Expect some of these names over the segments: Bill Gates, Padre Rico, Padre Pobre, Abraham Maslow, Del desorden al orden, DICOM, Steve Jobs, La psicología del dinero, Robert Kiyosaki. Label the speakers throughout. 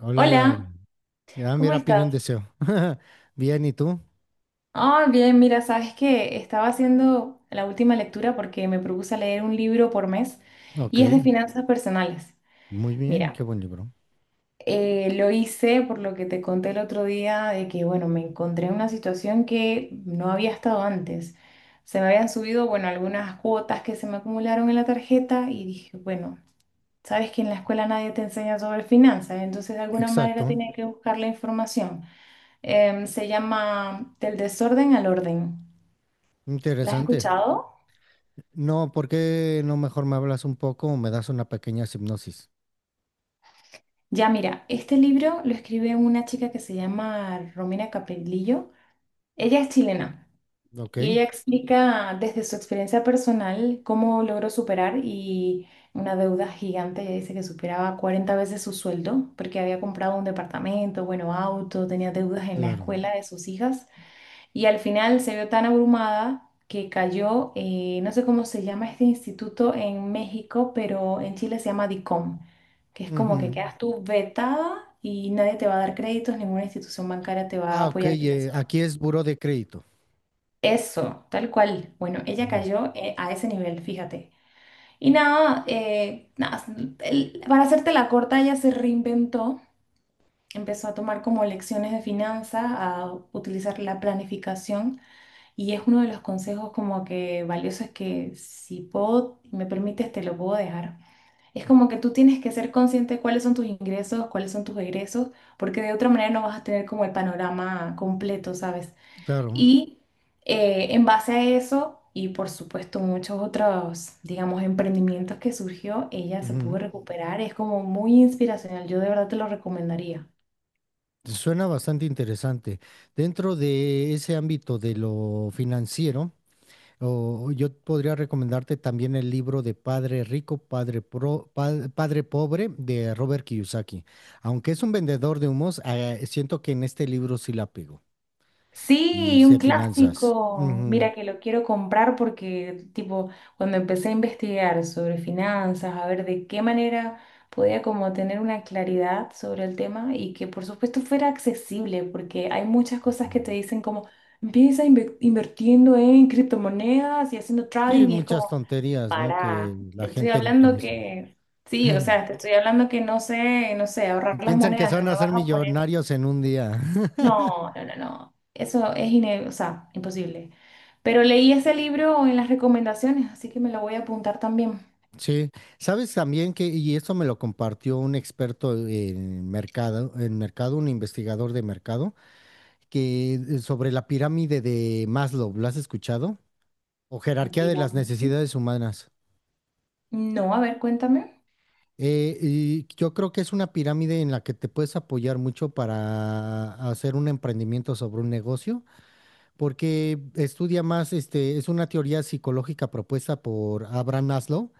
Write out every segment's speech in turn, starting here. Speaker 1: Hola, Lau.
Speaker 2: Hola,
Speaker 1: Ya,
Speaker 2: ¿cómo
Speaker 1: mira, pide un
Speaker 2: estás?
Speaker 1: deseo. Bien, ¿y tú?
Speaker 2: Ah, bien, mira, sabes que estaba haciendo la última lectura porque me propuse leer un libro por mes
Speaker 1: Ok,
Speaker 2: y es de finanzas personales.
Speaker 1: muy bien,
Speaker 2: Mira,
Speaker 1: qué buen libro.
Speaker 2: lo hice por lo que te conté el otro día de que, bueno, me encontré en una situación que no había estado antes. Se me habían subido, bueno, algunas cuotas que se me acumularon en la tarjeta y dije, bueno, sabes que en la escuela nadie te enseña sobre finanzas, entonces de alguna manera
Speaker 1: Exacto,
Speaker 2: tenía que buscar la información. Se llama Del desorden al orden. ¿La has
Speaker 1: interesante.
Speaker 2: escuchado?
Speaker 1: No, ¿por qué no mejor me hablas un poco o me das una pequeña hipnosis?
Speaker 2: Ya, mira, este libro lo escribe una chica que se llama Romina Capellillo. Ella es chilena
Speaker 1: Ok,
Speaker 2: y ella explica desde su experiencia personal cómo logró superar y una deuda gigante. Ella dice que superaba 40 veces su sueldo porque había comprado un departamento, bueno, auto, tenía deudas en la
Speaker 1: claro.
Speaker 2: escuela de sus hijas. Y al final se vio tan abrumada que cayó, no sé cómo se llama este instituto en México, pero en Chile se llama DICOM, que es como que
Speaker 1: Ujú.
Speaker 2: quedas tú vetada y nadie te va a dar créditos, ninguna institución bancaria te va a
Speaker 1: Ah, ok,
Speaker 2: apoyar financieramente.
Speaker 1: aquí es buró de crédito.
Speaker 2: Eso, tal cual. Bueno, ella
Speaker 1: Ujú,
Speaker 2: cayó, a ese nivel, fíjate. Y nada, nada, para hacerte la corta, ella se reinventó, empezó a tomar como lecciones de finanzas, a utilizar la planificación. Y es uno de los consejos como que valiosos que si puedo, me permites, te lo puedo dejar. Es como que tú tienes que ser consciente de cuáles son tus ingresos, cuáles son tus egresos, porque de otra manera no vas a tener como el panorama completo, ¿sabes?
Speaker 1: claro.
Speaker 2: Y en base a eso, y por supuesto muchos otros, digamos, emprendimientos que surgió, ella se
Speaker 1: Ujú.
Speaker 2: pudo recuperar. Es como muy inspiracional. Yo de verdad te lo recomendaría.
Speaker 1: Suena bastante interesante. Dentro de ese ámbito de lo financiero, o yo podría recomendarte también el libro de Padre Rico, Padre Pobre de Robert Kiyosaki. Aunque es un vendedor de humos, siento que en este libro sí la pego. Y
Speaker 2: Sí,
Speaker 1: de
Speaker 2: un
Speaker 1: finanzas.
Speaker 2: clásico.
Speaker 1: Ujú.
Speaker 2: Mira que lo quiero comprar porque, tipo, cuando empecé a investigar sobre finanzas, a ver de qué manera podía como tener una claridad sobre el tema y que por supuesto fuera accesible, porque hay muchas cosas que te
Speaker 1: Ujú.
Speaker 2: dicen como, empieza invirtiendo en criptomonedas y haciendo
Speaker 1: Sí,
Speaker 2: trading y es
Speaker 1: muchas
Speaker 2: como,
Speaker 1: tonterías, ¿no? Que
Speaker 2: para, te
Speaker 1: la
Speaker 2: estoy
Speaker 1: gente no
Speaker 2: hablando
Speaker 1: conoce.
Speaker 2: que, sí, o sea, te estoy hablando que no sé, no sé, ahorrar las
Speaker 1: Piensan que se
Speaker 2: monedas, no
Speaker 1: van a
Speaker 2: me
Speaker 1: hacer
Speaker 2: vas a poner
Speaker 1: millonarios en un día.
Speaker 2: no, no, no, no. Eso es o sea, imposible. Pero leí ese libro en las recomendaciones, así que me lo voy a apuntar también.
Speaker 1: Sí, sabes también que, y esto me lo compartió un experto en mercado, un investigador de mercado, que sobre la pirámide de Maslow, ¿lo has escuchado? O
Speaker 2: La
Speaker 1: jerarquía de las
Speaker 2: pirámide,
Speaker 1: necesidades humanas.
Speaker 2: no, a ver, cuéntame.
Speaker 1: Y yo creo que es una pirámide en la que te puedes apoyar mucho para hacer un emprendimiento sobre un negocio, porque estudia más, este, es una teoría psicológica propuesta por Abraham Maslow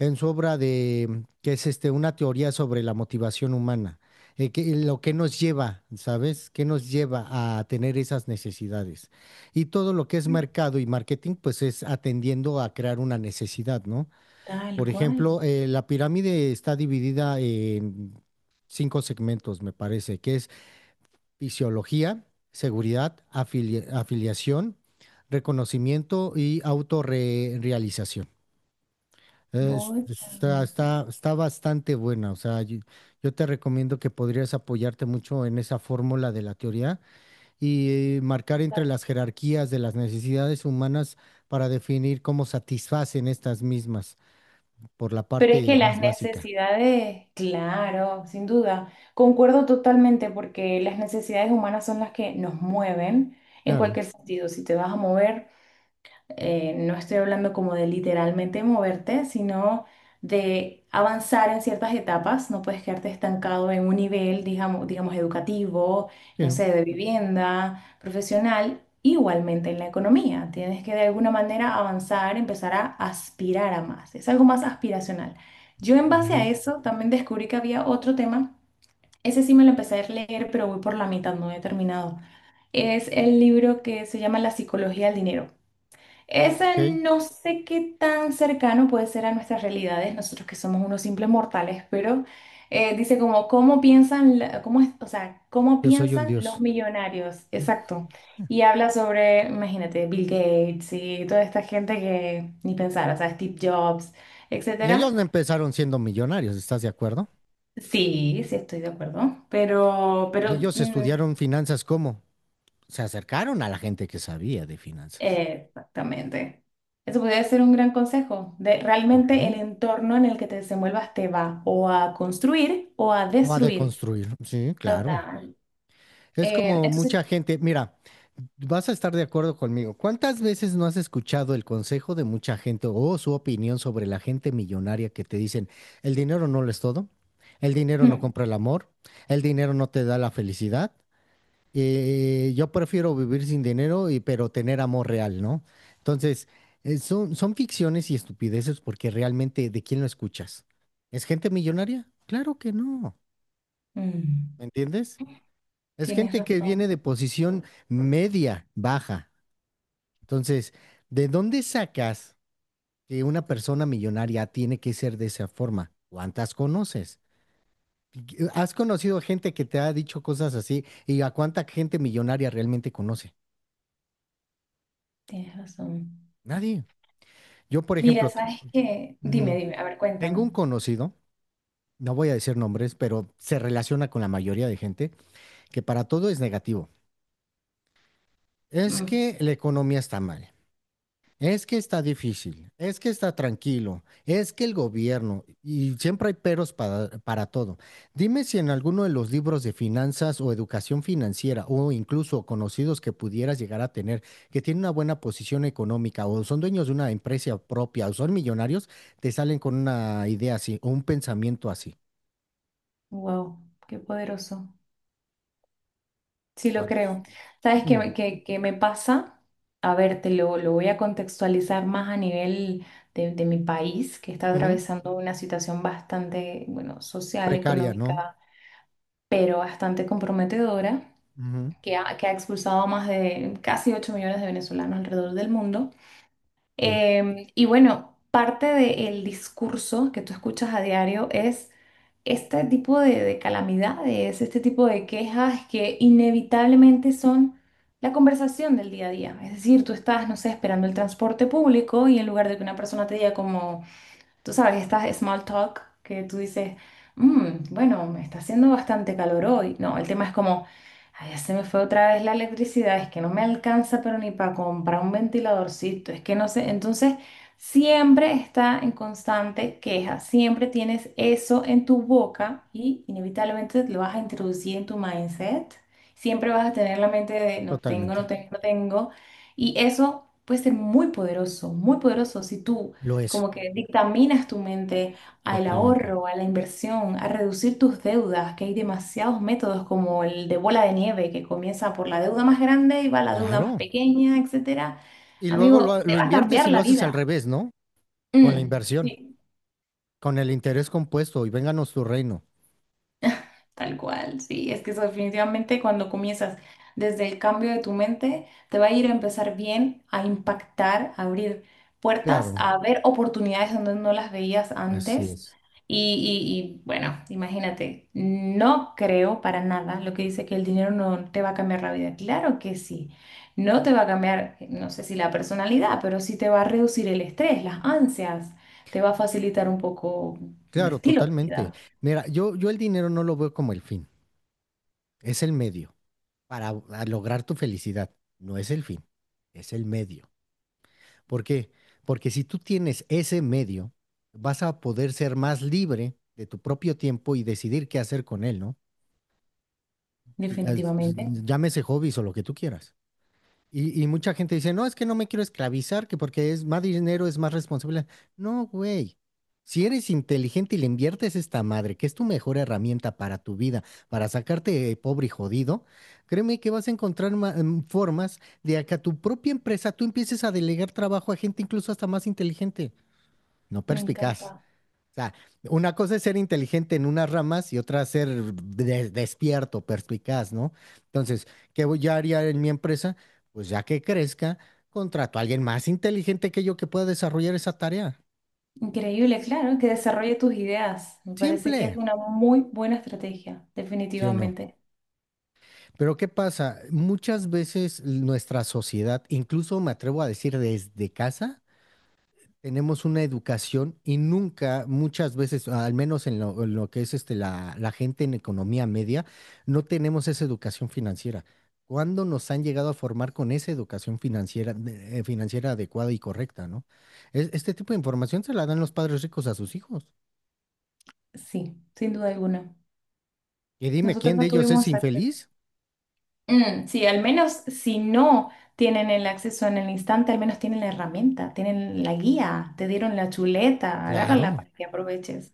Speaker 1: en su obra de, que es este, una teoría sobre la motivación humana, lo que nos lleva, ¿sabes? ¿Qué nos lleva a tener esas necesidades? Y todo lo que es mercado y marketing, pues es atendiendo a crear una necesidad, ¿no?
Speaker 2: Tal
Speaker 1: Por
Speaker 2: cual.
Speaker 1: ejemplo, la pirámide está dividida en cinco segmentos, me parece, que es fisiología, seguridad, afiliación, reconocimiento y autorrealización.
Speaker 2: Bota.
Speaker 1: Está bastante buena, o sea, yo te recomiendo que podrías apoyarte mucho en esa fórmula de la teoría y marcar entre
Speaker 2: La-
Speaker 1: las jerarquías de las necesidades humanas para definir cómo satisfacen estas mismas por la
Speaker 2: Pero es
Speaker 1: parte
Speaker 2: que las
Speaker 1: más básica.
Speaker 2: necesidades, claro, sin duda, concuerdo totalmente porque las necesidades humanas son las que nos mueven en
Speaker 1: Claro,
Speaker 2: cualquier sentido. Si te vas a mover... no estoy hablando como de literalmente moverte, sino de avanzar en ciertas etapas. No puedes quedarte estancado en un nivel, digamos, educativo, no
Speaker 1: sí,
Speaker 2: sé, de vivienda, profesional, igualmente en la economía. Tienes que de alguna manera avanzar, empezar a aspirar a más. Es algo más aspiracional. Yo en base a
Speaker 1: ujú,
Speaker 2: eso también descubrí que había otro tema. Ese sí me lo empecé a leer, pero voy por la mitad, no he terminado. Es el libro que se llama La psicología del dinero.
Speaker 1: ok,
Speaker 2: Ese no sé qué tan cercano puede ser a nuestras realidades, nosotros que somos unos simples mortales, pero dice como, ¿cómo piensan, cómo o sea, cómo
Speaker 1: yo soy un
Speaker 2: piensan los
Speaker 1: dios.
Speaker 2: millonarios? Exacto. Y habla sobre, imagínate, Bill Gates y toda esta gente que ni pensar, o sea, Steve Jobs,
Speaker 1: Y ellos
Speaker 2: etcétera.
Speaker 1: no empezaron siendo millonarios, ¿estás de acuerdo?
Speaker 2: Sí, sí estoy de acuerdo, pero,
Speaker 1: Y
Speaker 2: pero
Speaker 1: ellos
Speaker 2: mm,
Speaker 1: estudiaron finanzas, ¿cómo? Se acercaron a la gente que sabía de finanzas.
Speaker 2: Exactamente. Eso podría ser un gran consejo, de realmente el
Speaker 1: Claro.
Speaker 2: entorno en el que te desenvuelvas te va o a construir o a
Speaker 1: O a
Speaker 2: destruir.
Speaker 1: deconstruir, sí, claro.
Speaker 2: Total.
Speaker 1: Es como
Speaker 2: Entonces,
Speaker 1: mucha gente, mira, vas a estar de acuerdo conmigo. ¿Cuántas veces no has escuchado el consejo de mucha gente o su opinión sobre la gente millonaria que te dicen, el dinero no lo es todo, el dinero no
Speaker 2: hmm,
Speaker 1: compra el amor, el dinero no te da la felicidad, yo prefiero vivir sin dinero y pero tener amor real, ¿no? Entonces, son ficciones y estupideces porque realmente, ¿de quién lo escuchas? ¿Es gente millonaria? Claro que no.
Speaker 2: mm,
Speaker 1: ¿Me entiendes? Es
Speaker 2: tienes
Speaker 1: gente que viene de
Speaker 2: razón,
Speaker 1: posición media, baja. Entonces, ¿de dónde sacas que una persona millonaria tiene que ser de esa forma? ¿Cuántas conoces? ¿Has conocido gente que te ha dicho cosas así? ¿Y a cuánta gente millonaria realmente conoce?
Speaker 2: tienes razón.
Speaker 1: Nadie. Yo, por
Speaker 2: Mira,
Speaker 1: ejemplo,
Speaker 2: ¿sabes qué? Dime,
Speaker 1: Ujú.
Speaker 2: dime, a ver,
Speaker 1: Tengo
Speaker 2: cuéntame.
Speaker 1: un conocido, no voy a decir nombres, pero se relaciona con la mayoría de gente, que para todo es negativo. Es
Speaker 2: Mm,
Speaker 1: que la economía está mal. Es que está difícil, es que está tranquilo, es que el gobierno, y siempre hay peros para todo. Dime si en alguno de los libros de finanzas o educación financiera o incluso conocidos que pudieras llegar a tener, que tienen una buena posición económica o son dueños de una empresa propia o son millonarios, te salen con una idea así o un pensamiento así.
Speaker 2: wow, qué poderoso. Sí, lo
Speaker 1: ¿Cuántos?
Speaker 2: creo. ¿Sabes qué,
Speaker 1: Mm,
Speaker 2: me qué me pasa? A ver, te lo voy a contextualizar más a nivel de mi país, que está
Speaker 1: ujú,
Speaker 2: atravesando una situación bastante, bueno, social,
Speaker 1: precaria, ¿no?
Speaker 2: económica, pero bastante comprometedora,
Speaker 1: Ujú,
Speaker 2: que ha expulsado a más de casi 8 millones de venezolanos alrededor del mundo.
Speaker 1: sí,
Speaker 2: Y bueno, parte del discurso que tú escuchas a diario es este tipo de calamidades, este tipo de quejas que inevitablemente son la conversación del día a día. Es decir, tú estás, no sé, esperando el transporte público y en lugar de que una persona te diga como... Tú sabes, estas small talk que tú dices, bueno, me está haciendo bastante calor hoy". No, el tema es como, ay, ya se me fue otra vez la electricidad, es que no me alcanza, pero ni para comprar un ventiladorcito, es que no sé. Entonces, siempre está en constante queja, siempre tienes eso en tu boca y inevitablemente lo vas a introducir en tu mindset. Siempre vas a tener la mente de no tengo, no
Speaker 1: totalmente.
Speaker 2: tengo, no tengo. Y eso puede ser muy poderoso si tú
Speaker 1: Lo es,
Speaker 2: como que dictaminas tu mente al
Speaker 1: totalmente.
Speaker 2: ahorro, a la inversión, a reducir tus deudas, que hay demasiados métodos como el de bola de nieve, que comienza por la deuda más grande y va a la deuda más
Speaker 1: Claro.
Speaker 2: pequeña, etcétera.
Speaker 1: Y luego
Speaker 2: Amigo, te
Speaker 1: lo
Speaker 2: va a
Speaker 1: inviertes y
Speaker 2: cambiar
Speaker 1: lo
Speaker 2: la
Speaker 1: haces al
Speaker 2: vida.
Speaker 1: revés, ¿no? Con la
Speaker 2: Mm,
Speaker 1: inversión,
Speaker 2: sí.
Speaker 1: con el interés compuesto y vénganos tu reino.
Speaker 2: Tal cual, sí, es que eso definitivamente cuando comienzas desde el cambio de tu mente, te va a ir a empezar bien, a impactar, a abrir puertas,
Speaker 1: Claro,
Speaker 2: a ver oportunidades donde no las veías
Speaker 1: así
Speaker 2: antes.
Speaker 1: es.
Speaker 2: Y, y, bueno, imagínate, no creo para nada lo que dice que el dinero no te va a cambiar la vida. Claro que sí, no te va a cambiar, no sé si la personalidad, pero sí te va a reducir el estrés, las ansias, te va a facilitar un poco el
Speaker 1: Claro,
Speaker 2: estilo de
Speaker 1: totalmente.
Speaker 2: vida,
Speaker 1: Mira, yo el dinero no lo veo como el fin, es el medio para a lograr tu felicidad. No es el fin, es el medio. ¿Por qué? Porque si tú tienes ese medio, vas a poder ser más libre de tu propio tiempo y decidir qué hacer con él, ¿no? Y- as-
Speaker 2: definitivamente.
Speaker 1: Llámese hobbies o lo que tú quieras. Y mucha gente dice, no, es que no me quiero esclavizar, que porque es más dinero, es más responsabilidad. No, güey. Si eres inteligente y le inviertes esta madre, que es tu mejor herramienta para tu vida, para sacarte pobre y jodido, créeme que vas a encontrar formas de a que a tu propia empresa tú empieces a delegar trabajo a gente incluso hasta más inteligente, no
Speaker 2: Me
Speaker 1: perspicaz.
Speaker 2: encanta.
Speaker 1: O sea, una cosa es ser inteligente en unas ramas y otra ser despierto, perspicaz, ¿no? Entonces, ¿qué voy a haría en mi empresa? Pues ya que crezca, contrato a alguien más inteligente que yo que pueda desarrollar esa tarea.
Speaker 2: Increíble, claro, que desarrolle tus ideas. Me parece que es
Speaker 1: Simple,
Speaker 2: una muy buena estrategia,
Speaker 1: ¿sí o no?
Speaker 2: definitivamente.
Speaker 1: Pero ¿qué pasa? Muchas veces nuestra sociedad, incluso me atrevo a decir desde casa, tenemos una educación y nunca, muchas veces, al menos en lo que es este, la gente en economía media, no tenemos esa educación financiera. ¿Cuándo nos han llegado a formar con esa educación financiera, financiera adecuada y correcta, ¿no? Este tipo de información se la dan los padres ricos a sus hijos.
Speaker 2: Sí, sin duda alguna.
Speaker 1: Y dime,
Speaker 2: Nosotros
Speaker 1: ¿quién de
Speaker 2: no
Speaker 1: ellos es
Speaker 2: tuvimos acceso.
Speaker 1: infeliz?
Speaker 2: Mm, sí, al menos si no tienen el acceso en el instante, al menos tienen la herramienta, tienen la guía, te dieron la chuleta, agárrala
Speaker 1: Claro.
Speaker 2: para que aproveches.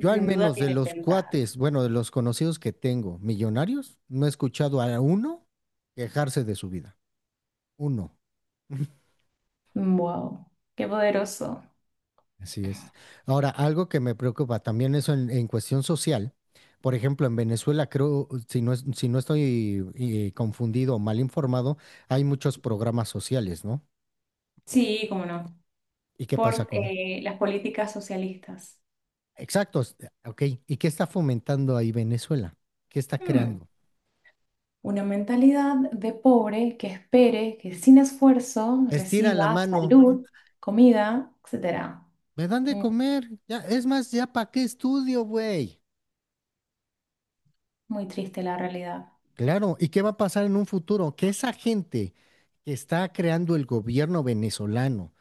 Speaker 1: Yo al
Speaker 2: Sin duda
Speaker 1: menos de
Speaker 2: tienen
Speaker 1: los
Speaker 2: ventaja.
Speaker 1: cuates, bueno, de los conocidos que tengo, millonarios, no he escuchado a uno quejarse de su vida. Uno.
Speaker 2: Wow, qué poderoso.
Speaker 1: Así es. Ahora, algo que me preocupa también eso en cuestión social. Por ejemplo, en Venezuela creo, si no, si no estoy confundido o mal informado, hay muchos programas sociales, ¿no?
Speaker 2: Sí, cómo no.
Speaker 1: ¿Y qué pasa
Speaker 2: Por
Speaker 1: con...
Speaker 2: las políticas socialistas.
Speaker 1: Exactos, ok. ¿Y qué está fomentando ahí Venezuela? ¿Qué está
Speaker 2: Mm.
Speaker 1: creando?
Speaker 2: Una mentalidad de pobre que espere que sin esfuerzo
Speaker 1: Estira la
Speaker 2: reciba
Speaker 1: mano,
Speaker 2: salud, comida, etcétera.
Speaker 1: me dan de
Speaker 2: Mm,
Speaker 1: comer, ya, es más, ya para qué estudio, güey.
Speaker 2: muy triste la realidad.
Speaker 1: Claro, ¿y qué va a pasar en un futuro? Que esa gente que está creando el gobierno venezolano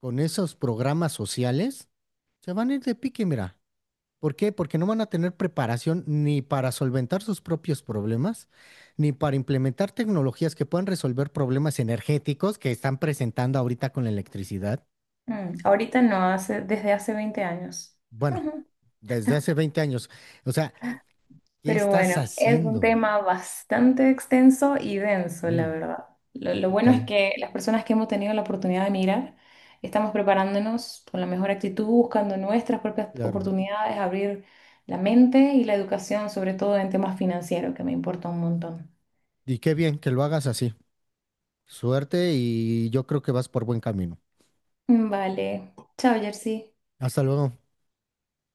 Speaker 1: con esos programas sociales, se van a ir de pique, mira. ¿Por qué? Porque no van a tener preparación ni para solventar sus propios problemas, ni para implementar tecnologías que puedan resolver problemas energéticos que están presentando ahorita con la electricidad.
Speaker 2: Mm, ahorita no, hace, desde hace 20 años.
Speaker 1: Bueno, desde hace 20 años. O sea, ¿qué
Speaker 2: Pero
Speaker 1: estás
Speaker 2: bueno, es un
Speaker 1: haciendo?
Speaker 2: tema bastante extenso y denso, la
Speaker 1: Bien,
Speaker 2: verdad. Lo bueno es
Speaker 1: total,
Speaker 2: que las personas que hemos tenido la oportunidad de mirar estamos preparándonos con la mejor actitud, buscando nuestras propias
Speaker 1: claro.
Speaker 2: oportunidades, abrir la mente y la educación, sobre todo en temas financieros, que me importa un montón.
Speaker 1: Y qué bien que lo hagas así. Suerte y yo creo que vas por buen camino.
Speaker 2: Vale. Chao, Jersey.
Speaker 1: Hasta luego.